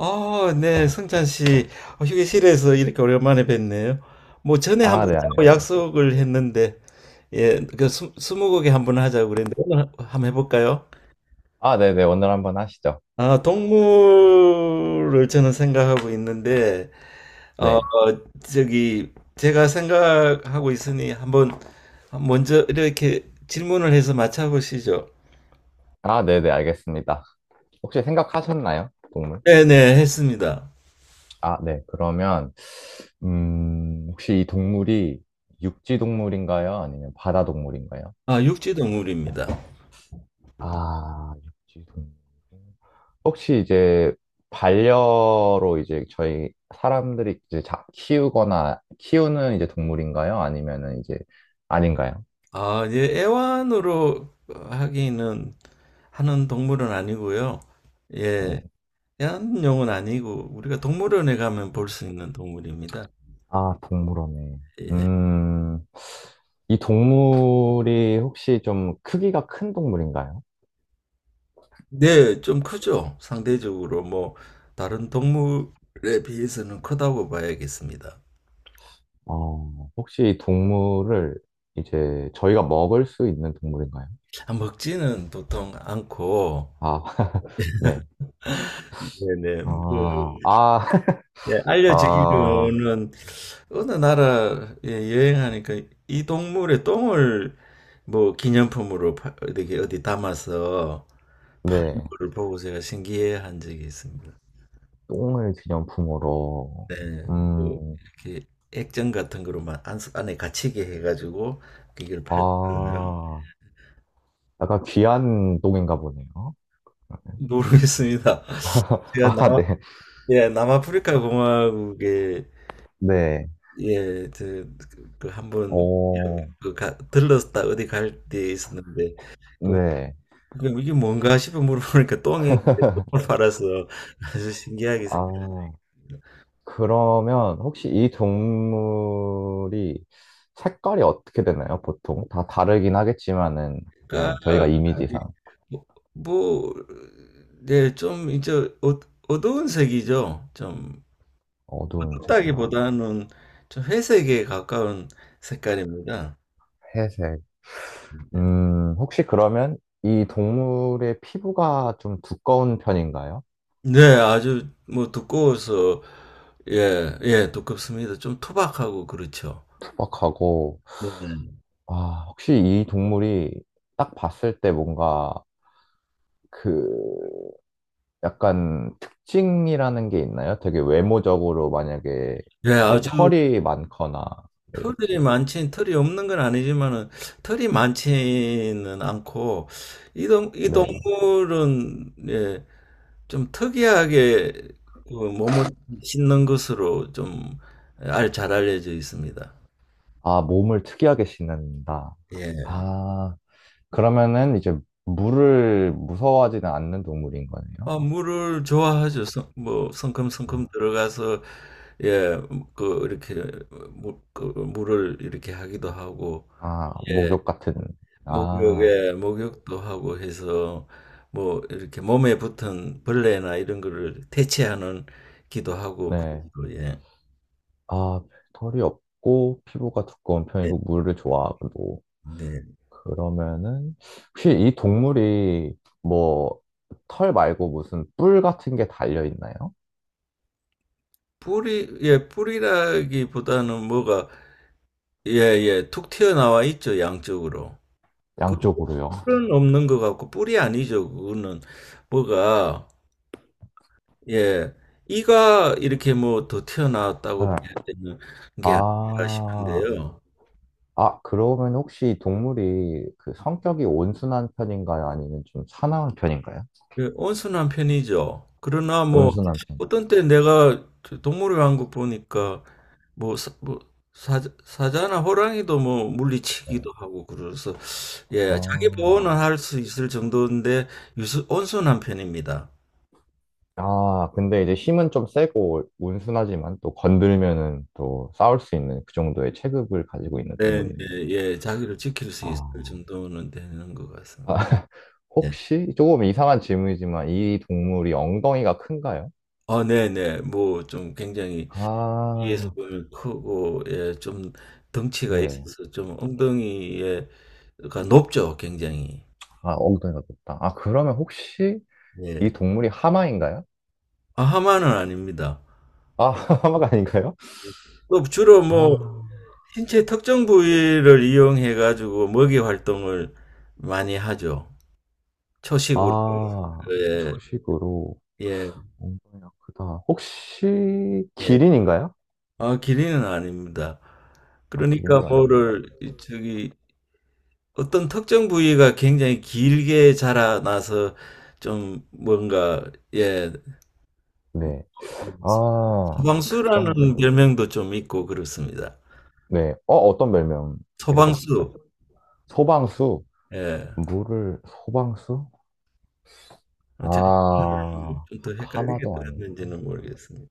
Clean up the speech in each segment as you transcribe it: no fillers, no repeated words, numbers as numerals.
아, 네, 성찬 씨, 휴게실에서 이렇게 오랜만에 뵙네요. 뭐 전에 아, 한번 네, 짜고 안녕하세요. 약속을 했는데, 예, 스무고개 한번 하자고 그랬는데 오늘 한번 해볼까요? 아, 네 네, 오늘 한번 하시죠. 아, 동물을 저는 생각하고 있는데, 어, 네. 저기 제가 생각하고 있으니 한번 먼저 이렇게 질문을 해서 맞춰보시죠. 아, 네 네, 알겠습니다. 혹시 생각하셨나요? 동물? 네네, 했습니다. 아, 네, 그러면, 혹시 이 동물이 육지 동물인가요? 아니면 바다 동물인가요? 아, 육지 동물입니다. 아, 육지 동물. 혹시 이제 반려로 이제 저희 사람들이 키우거나 키우는 이제 동물인가요? 아니면은 이제 아닌가요? 아, 예, 애완으로 하기는 하는 동물은 아니고요. 예, 네. 애완용은 아니고 우리가 동물원에 가면 볼 수 있는 동물입니다. 아, 동물원에. 예. 음, 이 동물이 혹시 좀 크기가 큰 동물인가요? 네, 좀 크죠. 상대적으로 뭐 다른 동물에 비해서는 크다고 봐야겠습니다. 혹시 이 동물을 이제 저희가 먹을 수 있는 동물인가요? 아, 먹지는 보통 않고 아, 네. 네네. 그, 아, 아, 예, 아, 알려지기로는 어느 나라에 여행하니까 이 동물의 똥을 어디 어디 담아서 네. 그걸 보고 제가 신기해한 적이 있습니다. 똥을 기념품으로. 네, 뭐 음, 이렇게 액정 같은 거로만 안, 안에 갇히게 해가지고 이걸 팔더라고요. 아, 약간 귀한 똥인가 보네요. 모르겠습니다. 제가 아, 남아 네. 예 남아프리카 공화국에 네. 예저그 한번 오, 그 들렀다 어디 갈 때 있었는데 그 네. 그럼 이게 뭔가 싶어 물어보니까 똥이 똥을 팔아서 아주 신기하게 아. 그러면 혹시 이 동물이 색깔이 어떻게 되나요? 보통 다 다르긴 하겠지만은 그냥 저희가 생각할까? 이미지상 뭐, 뭐, 네, 좀 이제 어, 어두운 색이죠. 좀 어두운 색이요. 붉다기보다는 좀 회색에 가까운 색깔입니다. 회색. 혹시 그러면 이 동물의 피부가 좀 두꺼운 편인가요? 네, 아주 뭐 두꺼워서 예, 예, 두껍습니다. 좀 투박하고 그렇죠. 투박하고. 네. 아, 혹시 이 동물이 딱 봤을 때 뭔가 그 약간 특징이라는 게 있나요? 되게 외모적으로 만약에 예, 뭐 아주 털이 많거나 뭐 이렇게. 털이 없는 건 아니지만은, 털이 많지는 않고, 이 네. 동물은, 예, 좀 특이하게 그 몸을 씻는 것으로 좀 잘 알려져 있습니다. 아, 몸을 특이하게 씻는다. 예. 아, 그러면은 이제 물을 무서워하지는 않는 동물인 거네요? 아, 물을 좋아하죠. 물. 성큼성큼 들어가서, 예, 그, 이렇게, 물을 이렇게 하기도 하고, 아, 목욕 같은. 아, 목욕에 목욕도 하고 해서 뭐 이렇게 몸에 붙은 벌레나 이런 거를 퇴치하는 기도하고 네. 그러고 예. 아, 털이 없고 피부가 두꺼운 예. 편이고 물을 좋아하고. 네. 그러면은 혹시 이 동물이 뭐 털 말고 무슨 뿔 같은 게 달려 있나요? 뿌리라기보다는 뭐가 예, 예, 툭 튀어나와 있죠, 양쪽으로. 그 양쪽으로요. 뿔은 없는 것 같고 뿔이 아니죠. 그거는 뭐가 예, 이가 이렇게 뭐 더 튀어나왔다고 봐야 네. 되는 게 아닐까 아, 싶은데요. 아, 그러면 혹시 동물이 그 성격이 온순한 편인가요? 아니면 좀 사나운 편인가요? 예, 온순한 편이죠. 그러나 뭐 온순한 편. 어떤 때 내가 저 동물의 왕국 보니까 뭐, 사, 뭐 사자나 호랑이도 뭐 네. 물리치기도 하고 그래서 예 자기 아, 보호는 할 수 있을 정도인데 온순한 편입니다. 아, 근데 이제 힘은 좀 세고 온순하지만 또 건들면은 또 싸울 수 있는 그 정도의 체급을 가지고 있는 네, 네, 동물이네요. 예 자기를 지킬 수 아, 있을 정도는 되는 것 아, 같습니다. 네. 혹시 조금 이상한 질문이지만 이 동물이 엉덩이가 큰가요? 아, 네, 네. 뭐 좀 굉장히 뒤에서 아, 보면 크고 예 좀 덩치가 네. 있어서 좀 엉덩이에가 높죠, 굉장히. 아, 엉덩이가 높다. 아, 그러면 혹시 이 예. 동물이 하마인가요? 아, 하만은 아닙니다. 아, 하마가 아닌가요? 또 주로 뭐 아. 신체 특정 부위를 이용해 가지고 먹이 활동을 많이 하죠. 초식으로. 아, 예. 초식으로 예. 엉덩이가 크다. 혹시 예. 기린인가요? 아, 기린은 아닙니다. 아, 그러니까 기린도 아닌가요? 뭐를 이- 저기 어떤 특정 부위가 굉장히 길게 자라나서 좀 뭔가 예. 네. 아, 특정 부위. 소방수라는 별명도 좀 있고 그렇습니다. 네. 어떤 별명이라고 하셨죠? 소방수. 소방수. 예. 물을, 소방수? 어, 아, 제가 좀더 헷갈리게 하마도 아니고. 들었는지는 모르겠습니다.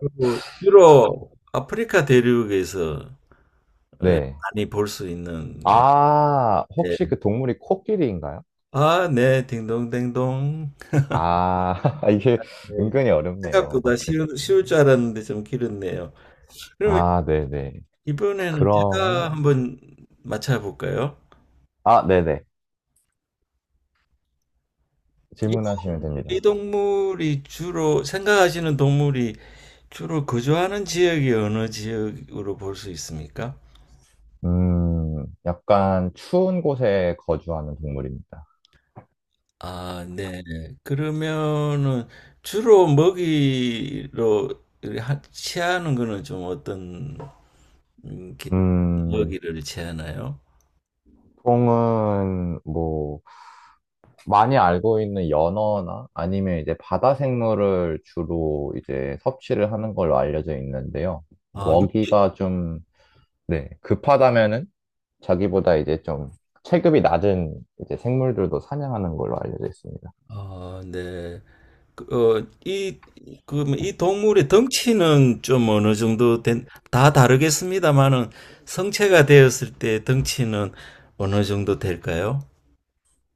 그리고 주로 아프리카 대륙에서 예, 네. 많이 볼 수 있는 예. 아, 예. 혹시 그 동물이 코끼리인가요? 아, 네, 딩동댕동. 아, 이게 네. 은근히 어렵네요. 생각보다 마침. 쉬울 줄 알았는데 좀 길었네요. 그러면 아, 네네. 이번에는 제가 그러면, 한번 맞춰볼까요? 아, 네네. 이, 질문하시면 동- 이 됩니다. 동물이 주로 생각하시는 동물이 주로 거주하는 지역이 어느 지역으로 볼 수 있습니까? 약간 추운 곳에 거주하는 동물입니다. 아, 네. 그러면은 주로 먹이로 취하는 거는 좀 어떤 음, 게- 음, 먹이를 취하나요? 보통은 뭐 많이 알고 있는 연어나 아니면 이제 바다 생물을 주로 이제 섭취를 하는 걸로 알려져 있는데요. 아, 육- 먹이가 좀, 네, 급하다면은 자기보다 이제 좀 체급이 낮은 이제 생물들도 사냥하는 걸로 알려져 있습니다. 아, 네. 그, 어, 이, 그러면 이 동물의 덩치는 다 다르겠습니다만은 성체가 되었을 때 덩치는 어느 정도 될까요?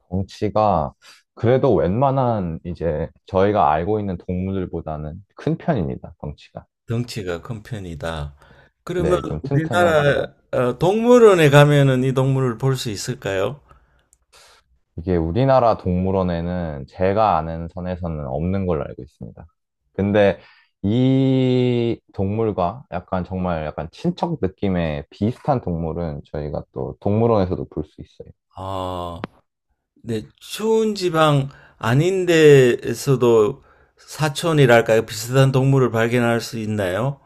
덩치가 그래도 웬만한 이제 저희가 알고 있는 동물들보다는 큰 편입니다, 덩치가. 덩치가 큰 편이다. 그러면 네, 좀 튼튼하고. 우리나라 동물원에 가면은 이 동물을 볼 수 있을까요? 이게 우리나라 동물원에는 제가 아는 선에서는 없는 걸로 알고 있습니다. 근데 이 동물과 약간 정말 약간 친척 느낌의 비슷한 동물은 저희가 또 동물원에서도 볼 수 있어요. 아, 네, 추운 지방 아닌 데에서도 사촌이랄까요? 비슷한 동물을 발견할 수 있나요?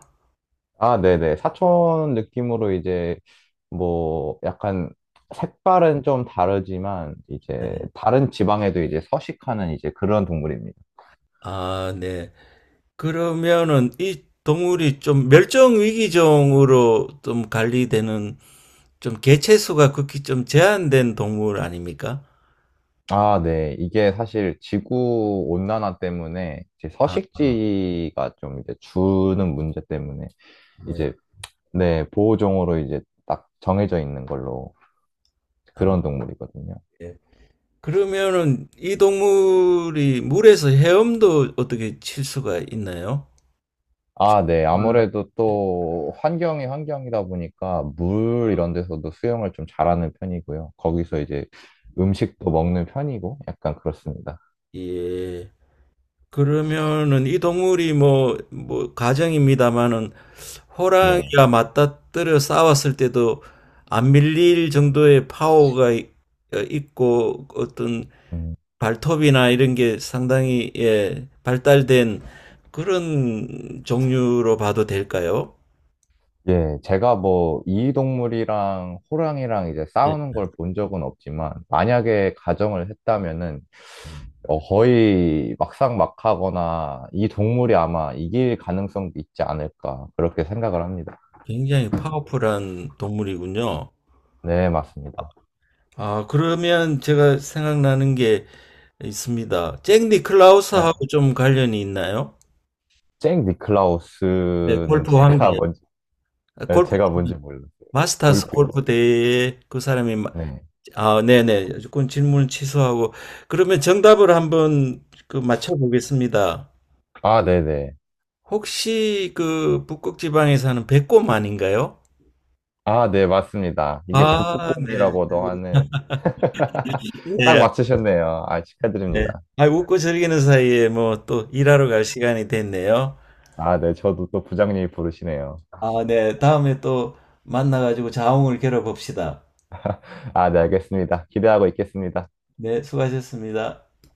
아, 네네. 사촌 느낌으로 이제 뭐 약간 색깔은 좀 다르지만 이제 네. 다른 지방에도 이제 서식하는 이제 그런 동물입니다. 아, 네. 그러면은 이 동물이 좀 멸종 위기종으로 좀 관리되는 좀 개체수가 극히 좀 제한된 동물 아닙니까? 아, 네. 이게 사실 지구 온난화 때문에 이제 아, 아, 서식지가 좀 이제 주는 문제 때문에 네. 이제 네, 보호종으로 이제 딱 정해져 있는 걸로 아, 그런 동물이거든요. 예. 그러면은 이 동물이 물에서 헤엄도 어떻게 칠 수가 있나요? 아, 네. 음. 아무래도 또 환경이 환경이다 보니까 물 이런 데서도 수영을 좀 잘하는 편이고요. 거기서 이제 음식도 먹는 편이고 약간 그렇습니다. 예. 그러면은 이 동물이 가정입니다마는 네. 호랑이와 맞다뜨려 싸웠을 때도 안 밀릴 정도의 파워가 있고 어떤 음. 발톱이나 이런 게 상당히, 예, 발달된 그런 종류로 봐도 될까요? 예, 제가 뭐 이동물이랑 호랑이랑 이제 네. 싸우는 걸 본 적은 없지만 만약에 가정을 했다면은 거의 막상막하거나 이 동물이 아마 이길 가능성도 있지 않을까 그렇게 생각을 합니다. 굉장히 파워풀한 동물이군요. 네, 맞습니다. 아, 그러면 제가 생각나는 게 있습니다. 잭 니클라우스하고 어, 좀 관련이 있나요? 잭 네, 니클라우스는 골프 제가 관계. 뭔지. 아, 네, 골프, 제가 뭔지 몰랐어요. 마스터스 골프요. 골프 대회에 그 사람이, 마- 네. 아, 네네. 그건 질문 취소하고. 그러면 정답을 한번 그 맞춰보겠습니다. 아, 네, 네. 혹시 그 북극 지방에 사는 백곰 아닌가요? 아, 네, 맞습니다. 이게 아, 네. 북극곰이라고도 하는 딱 네, 맞추셨네요. 아, 네. 축하드립니다. 아, 웃고 즐기는 사이에 뭐 또 일하러 갈 시간이 됐네요. 아, 네, 저도 또 부장님이 부르시네요. 아, 네. 다음에 또 만나가지고 자웅을 겨뤄봅시다. 아, 네, 알겠습니다. 기대하고 있겠습니다. 네, 수고하셨습니다.